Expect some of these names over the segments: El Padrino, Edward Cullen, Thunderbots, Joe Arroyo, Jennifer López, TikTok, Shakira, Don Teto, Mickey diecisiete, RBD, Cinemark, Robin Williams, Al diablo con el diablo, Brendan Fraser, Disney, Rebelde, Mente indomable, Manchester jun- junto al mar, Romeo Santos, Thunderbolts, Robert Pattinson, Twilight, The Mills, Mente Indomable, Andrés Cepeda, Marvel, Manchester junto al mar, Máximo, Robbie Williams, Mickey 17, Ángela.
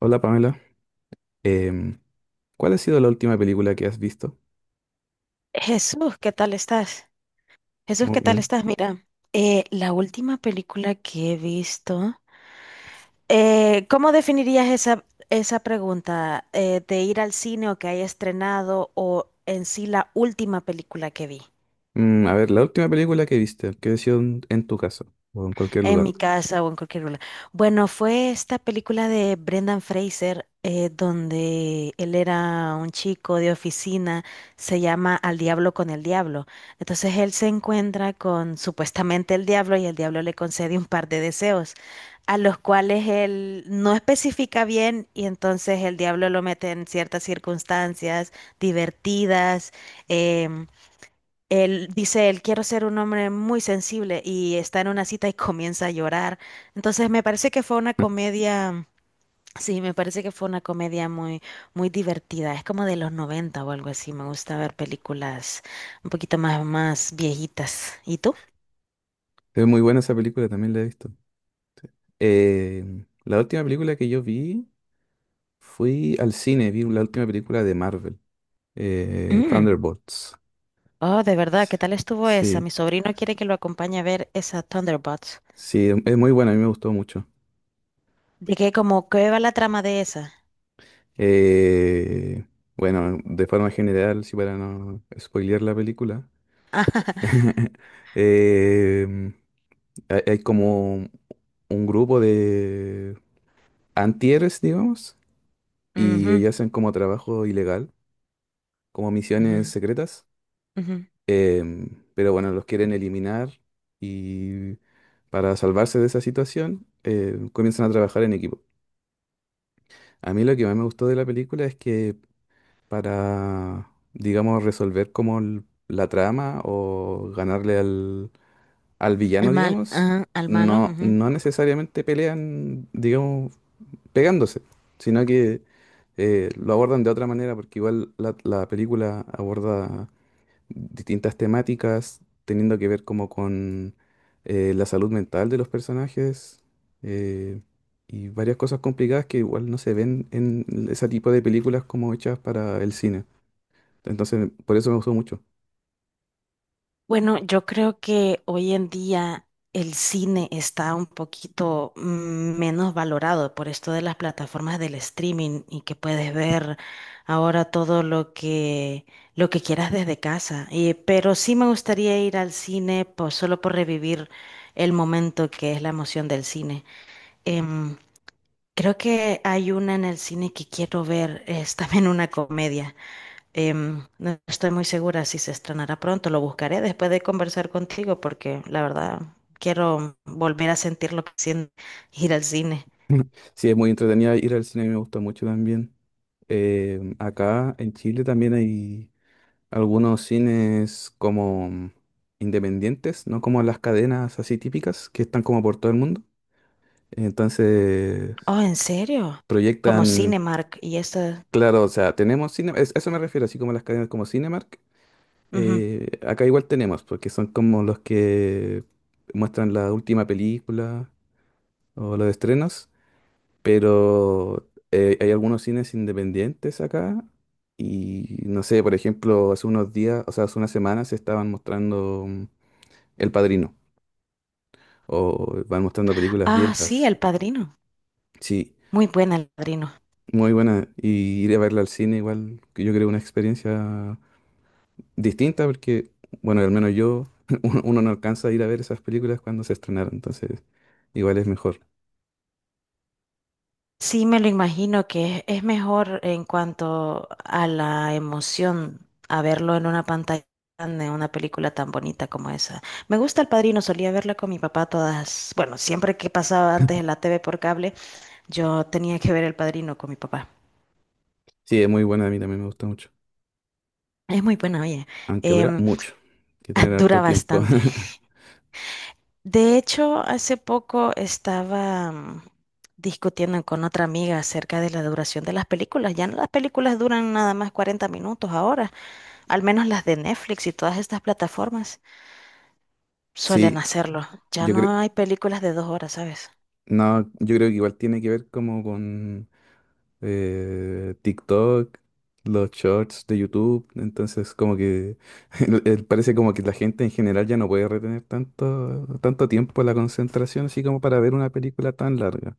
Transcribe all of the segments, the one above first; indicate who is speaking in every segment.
Speaker 1: Hola Pamela. Em, ¿Cuál ha sido la última película que has visto?
Speaker 2: Jesús, ¿qué tal estás? Jesús, ¿qué
Speaker 1: Muy
Speaker 2: tal
Speaker 1: bien.
Speaker 2: estás? Mira, la última película que he visto, ¿cómo definirías esa pregunta de ir al cine o que haya estrenado o en sí la última película que vi?
Speaker 1: A ver, la última película que viste, que ha sido en tu casa o en cualquier
Speaker 2: En
Speaker 1: lugar.
Speaker 2: mi casa o en cualquier lugar. Bueno, fue esta película de Brendan Fraser, donde él era un chico de oficina, se llama Al diablo con el diablo. Entonces él se encuentra con supuestamente el diablo y el diablo le concede un par de deseos, a los cuales él no especifica bien y entonces el diablo lo mete en ciertas circunstancias divertidas. em, Él dice, él quiero ser un hombre muy sensible y está en una cita y comienza a llorar. Entonces me parece que fue una comedia, sí, me parece que fue una comedia muy, muy divertida. Es como de los 90 o algo así. Me gusta ver películas un poquito más viejitas. ¿Y tú?
Speaker 1: Es muy buena esa película, también la he visto. La última película que yo vi, fui al cine, vi la última película de Marvel,
Speaker 2: Mm.
Speaker 1: Thunderbolts.
Speaker 2: Oh, de verdad, ¿qué tal estuvo esa? Mi
Speaker 1: Sí,
Speaker 2: sobrino quiere que lo acompañe a ver esa Thunderbots.
Speaker 1: sí, es muy buena, a mí me gustó mucho.
Speaker 2: ¿De qué? Como, ¿qué va la trama de esa?
Speaker 1: Eh, bueno, de forma general, si para no spoilear la película. em, hay como un grupo de antieres, digamos, y
Speaker 2: Ujú,
Speaker 1: ellos hacen como trabajo ilegal, como misiones
Speaker 2: ujú,
Speaker 1: secretas.
Speaker 2: ujú.
Speaker 1: em, pero bueno, los quieren eliminar y para salvarse de esa situación comienzan a trabajar en equipo. A mí lo que más me gustó de la película es que para, digamos, resolver como la trama o ganarle al
Speaker 2: Al
Speaker 1: villano,
Speaker 2: mal,
Speaker 1: digamos,
Speaker 2: ajá, al malo.
Speaker 1: no, no necesariamente pelean, digamos, pegándose, sino que lo abordan de otra manera, porque igual la película aborda distintas temáticas teniendo que ver como con la salud mental de los personajes, eh, y varias cosas complicadas que igual no se ven en ese tipo de películas como hechas para el cine. Entonces, por eso me gustó mucho.
Speaker 2: Bueno, yo creo que hoy en día el cine está un poquito menos valorado por esto de las plataformas del streaming y que puedes ver ahora todo lo que quieras desde casa. Pero sí me gustaría ir al cine pues, solo por revivir el momento que es la emoción del cine. Em, Creo que hay una en el cine que quiero ver, es también una comedia. No estoy muy segura si se estrenará pronto. Lo buscaré después de conversar contigo porque la verdad quiero volver a sentir lo que siento ir al cine.
Speaker 1: Sí, es muy entretenida ir al cine, me gusta mucho también. Acá en Chile también hay algunos cines como independientes, no como las cadenas así típicas que están como por todo el mundo. Entonces,
Speaker 2: Oh, ¿en serio? Como
Speaker 1: proyectan,
Speaker 2: Cinemark y esta.
Speaker 1: claro, o sea, tenemos cine, eso me refiero, así como las cadenas como Cinemark.
Speaker 2: Ujú.
Speaker 1: Acá igual tenemos, porque son como los que muestran la última película o los estrenos, pero hay algunos cines independientes acá. Y no sé, por ejemplo, hace unos días, o sea, hace unas semanas se estaban mostrando, El Padrino. O van mostrando películas
Speaker 2: Ah, sí,
Speaker 1: viejas.
Speaker 2: El Padrino.
Speaker 1: Sí,
Speaker 2: Muy buena El Padrino.
Speaker 1: muy buena. Y ir a verla al cine igual, que yo creo una experiencia distinta porque, bueno, al menos yo, uno no alcanza a ir a ver esas películas cuando se estrenaron, entonces igual es mejor.
Speaker 2: Sí, me lo imagino que es mejor en cuanto a la emoción a verlo en una pantalla, en una película tan bonita como esa. Me gusta El Padrino, solía verla con mi papá todas, bueno, siempre que pasaba antes en la TV por cable, yo tenía que ver El Padrino con mi papá.
Speaker 1: Sí, es muy buena, a mí también me gusta mucho.
Speaker 2: Es muy buena, oye.
Speaker 1: Aunque dura
Speaker 2: Em,
Speaker 1: mucho, hay que tener
Speaker 2: Dura
Speaker 1: harto tiempo.
Speaker 2: bastante. De hecho, hace poco estaba discutiendo con otra amiga acerca de la duración de las películas. Ya no las películas duran nada más 40 minutos ahora. Al menos las de Netflix y todas estas plataformas suelen
Speaker 1: Sí,
Speaker 2: hacerlo. Ya
Speaker 1: yo creo,
Speaker 2: no hay películas de 2 horas, ¿sabes?
Speaker 1: no, yo creo que igual tiene que ver como con TikTok, los shorts de YouTube. Entonces, como que parece como que la gente en general ya no puede retener tanto, tanto tiempo la concentración, así como para ver una película tan larga.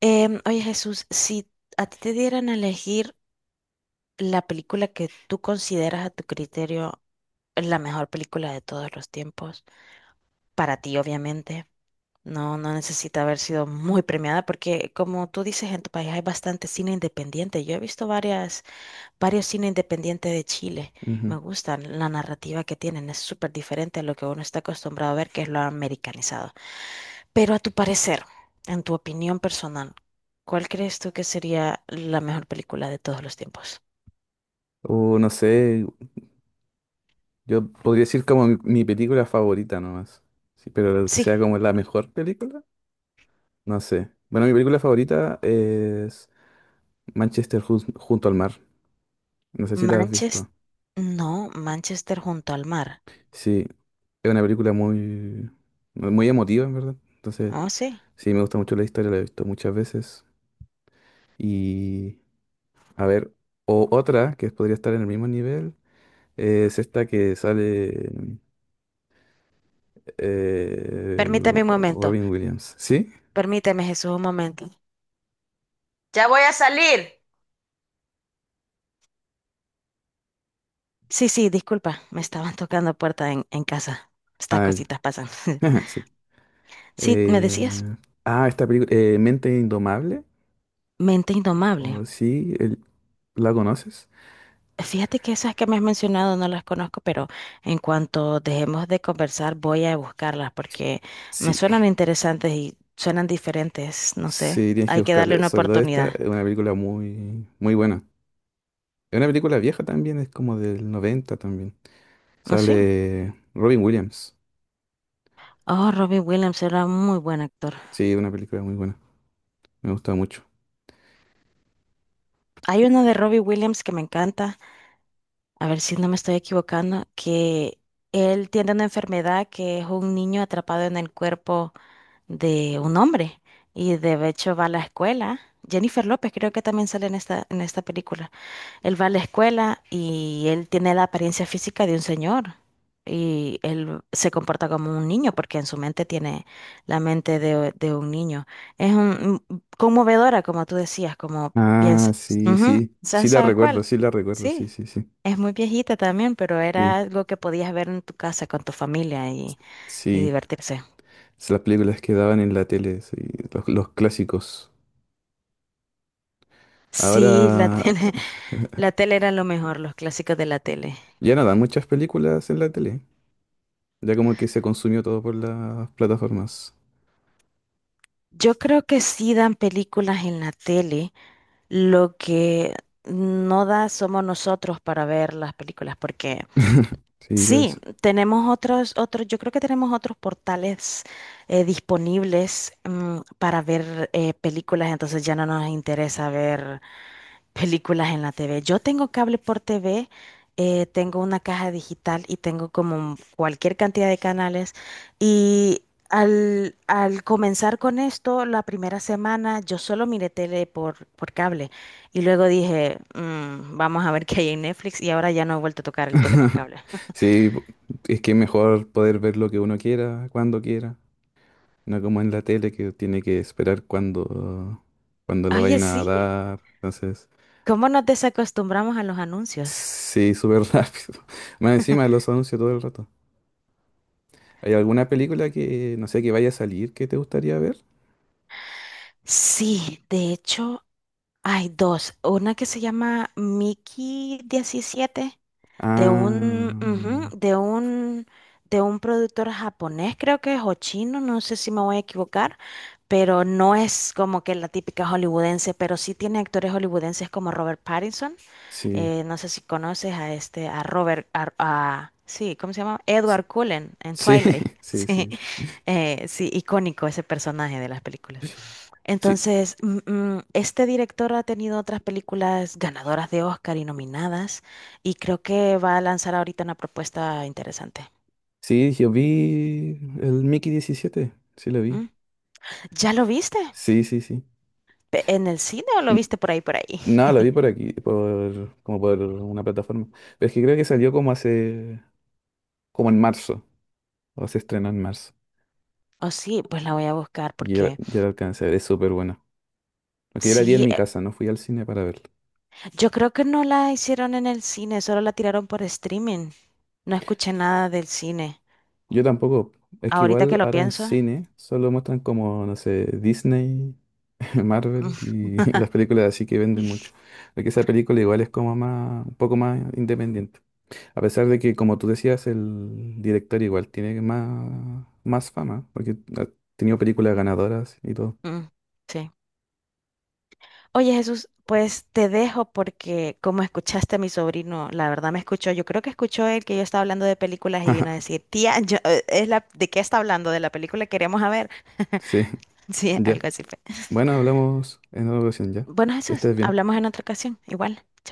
Speaker 2: Oye, Jesús, si a ti te dieran a elegir la película que tú consideras a tu criterio la mejor película de todos los tiempos, para ti, obviamente. No, no necesita haber sido muy premiada porque, como tú dices, en tu país hay bastante cine independiente. Yo he visto varias varios cine independiente de Chile.
Speaker 1: Ujú.
Speaker 2: Me gustan la narrativa que tienen, es súper diferente a lo que uno está acostumbrado a ver, que es lo americanizado. Pero a tu parecer, en tu opinión personal, ¿cuál crees tú que sería la mejor película de todos los tiempos?
Speaker 1: O no sé, yo podría decir como mi película favorita nomás. Sí, pero que
Speaker 2: Sí,
Speaker 1: sea como la mejor película, no sé. Bueno, mi película favorita es Manchester junto al mar. No sé si la has visto.
Speaker 2: Manchester, no, Manchester junto al mar.
Speaker 1: Sí, es una película muy, muy emotiva, en verdad. Entonces,
Speaker 2: Oh, sí.
Speaker 1: sí, me gusta mucho la historia, la he visto muchas veces. Y a ver, o otra que podría estar en el mismo nivel es esta que sale, eh,
Speaker 2: Permíteme un momento,
Speaker 1: Robin Williams. ¿Sí?
Speaker 2: permíteme Jesús un momento. Ya voy a salir. Sí, sí, disculpa, me estaban tocando puerta en casa. Estas
Speaker 1: Ah, ya.
Speaker 2: cositas pasan.
Speaker 1: Sí.
Speaker 2: Sí, ¿me decías?
Speaker 1: Eh, ah, esta película, Mente Indomable.
Speaker 2: Mente indomable.
Speaker 1: ¿O sí? ¿La conoces?
Speaker 2: Fíjate que esas que me has mencionado no las conozco, pero en cuanto dejemos de conversar voy a buscarlas porque me
Speaker 1: Sí.
Speaker 2: suenan interesantes y suenan diferentes, no sé.
Speaker 1: Sí, tienes que
Speaker 2: Hay que darle
Speaker 1: buscarla.
Speaker 2: una
Speaker 1: Sobre todo esta,
Speaker 2: oportunidad.
Speaker 1: es una película muy, muy buena. Es una película vieja también, es como del 90 también.
Speaker 2: ¿No sí?
Speaker 1: Sale Robin Williams.
Speaker 2: Oh, Robbie Williams era un muy buen actor.
Speaker 1: Sí, una película muy buena. Me gusta mucho.
Speaker 2: Hay uno de Robbie Williams que me encanta, a ver si no me estoy equivocando, que él tiene una enfermedad que es un niño atrapado en el cuerpo de un hombre y de hecho va a la escuela. Jennifer López creo que también sale en esta película. Él va a la escuela y él tiene la apariencia física de un señor y él se comporta como un niño porque en su mente tiene la mente de un niño. Es conmovedora, como tú decías, como
Speaker 1: Ah,
Speaker 2: piensas.
Speaker 1: sí,
Speaker 2: Ujú,
Speaker 1: sí. Sí la
Speaker 2: ¿sabes
Speaker 1: recuerdo,
Speaker 2: cuál?
Speaker 1: sí la recuerdo, sí,
Speaker 2: Sí.
Speaker 1: sí, sí.
Speaker 2: Es muy viejita también, pero era
Speaker 1: Sí,
Speaker 2: algo que podías ver en tu casa con tu familia y
Speaker 1: sí.
Speaker 2: divertirse.
Speaker 1: Es las películas que daban en la tele, sí, los clásicos.
Speaker 2: Sí, la
Speaker 1: Ahora
Speaker 2: tiene. La tele era lo mejor, los clásicos de la tele.
Speaker 1: ya no dan muchas películas en la tele. Ya como que se consumió todo por las plataformas.
Speaker 2: Yo creo que sí dan películas en la tele, lo que no da somos nosotros para ver las películas, porque
Speaker 1: Sí,
Speaker 2: sí,
Speaker 1: pues.
Speaker 2: tenemos yo creo que tenemos otros portales disponibles para ver películas, entonces ya no nos interesa ver películas en la TV. Yo tengo cable por TV, tengo una caja digital y tengo como cualquier cantidad de canales. Y al comenzar con esto, la primera semana yo solo miré tele por cable y luego dije, "Mm, vamos a ver qué hay en Netflix y ahora ya no he vuelto a tocar el tele por cable".
Speaker 1: Sí, es que es mejor poder ver lo que uno quiera, cuando quiera. No como en la tele que tiene que esperar cuando, cuando lo
Speaker 2: Oye,
Speaker 1: vayan a
Speaker 2: sí,
Speaker 1: dar. Entonces...
Speaker 2: ¿cómo nos desacostumbramos a los anuncios?
Speaker 1: Sí, súper rápido. Más encima de los anuncios todo el rato. ¿Hay alguna película que, no sé, que vaya a salir que te gustaría ver?
Speaker 2: Sí, de hecho hay dos. Una que se llama Mickey 17.
Speaker 1: Ah,
Speaker 2: Ujú, de un productor japonés, creo que es, o chino, no sé si me voy a equivocar, pero no es como que la típica hollywoodense, pero sí tiene actores hollywoodenses como Robert Pattinson,
Speaker 1: sí.
Speaker 2: no sé si conoces a este, a Robert, sí, ¿cómo se llama?
Speaker 1: S-
Speaker 2: Edward Cullen en
Speaker 1: Sí,
Speaker 2: Twilight,
Speaker 1: sí,
Speaker 2: sí,
Speaker 1: sí.
Speaker 2: sí, icónico ese personaje de las películas.
Speaker 1: Sí,
Speaker 2: Entonces, este director ha tenido otras películas ganadoras de Oscar y nominadas, y creo que va a lanzar ahorita una propuesta interesante.
Speaker 1: sí, yo vi el Mickey 17. Sí, lo vi.
Speaker 2: ¿Mm? ¿Ya lo viste?
Speaker 1: Sí, sí, sí.
Speaker 2: En el cine o lo
Speaker 1: N-
Speaker 2: viste por ahí, por ahí?
Speaker 1: No, lo vi por aquí, por, como por una plataforma. Pero es que creo que salió como hace, como en marzo, o se estrenó en marzo.
Speaker 2: Oh, sí, pues la voy a buscar
Speaker 1: Y ya,
Speaker 2: porque
Speaker 1: ya lo alcancé a ver, es súper bueno. Porque yo la vi en
Speaker 2: sí,
Speaker 1: mi casa, no fui al cine para verla.
Speaker 2: yo creo que no la hicieron en el cine, solo la tiraron por streaming. No escuché nada del cine.
Speaker 1: Yo tampoco. Es que
Speaker 2: Ahorita
Speaker 1: igual
Speaker 2: que lo
Speaker 1: ahora en
Speaker 2: pienso,
Speaker 1: cine solo muestran como, no sé, Disney,
Speaker 2: mm,
Speaker 1: Marvel y las películas así que venden mucho. Porque esa película igual es como más, un poco más independiente. A pesar de que, como tú decías, el director igual tiene más, más fama, porque ha tenido películas ganadoras y todo.
Speaker 2: mm, sí. Oye, Jesús, pues te dejo porque como escuchaste a mi sobrino, la verdad me escuchó, yo creo que escuchó el que yo estaba hablando de películas y vino a decir, tía, yo, es la, ¿de qué está hablando? ¿De la película que queríamos a ver?
Speaker 1: Sí,
Speaker 2: Sí,
Speaker 1: ya.
Speaker 2: algo así fue.
Speaker 1: Bueno, hablamos en otra ocasión ya.
Speaker 2: Bueno,
Speaker 1: Que
Speaker 2: Jesús,
Speaker 1: estés bien.
Speaker 2: hablamos en otra ocasión, igual.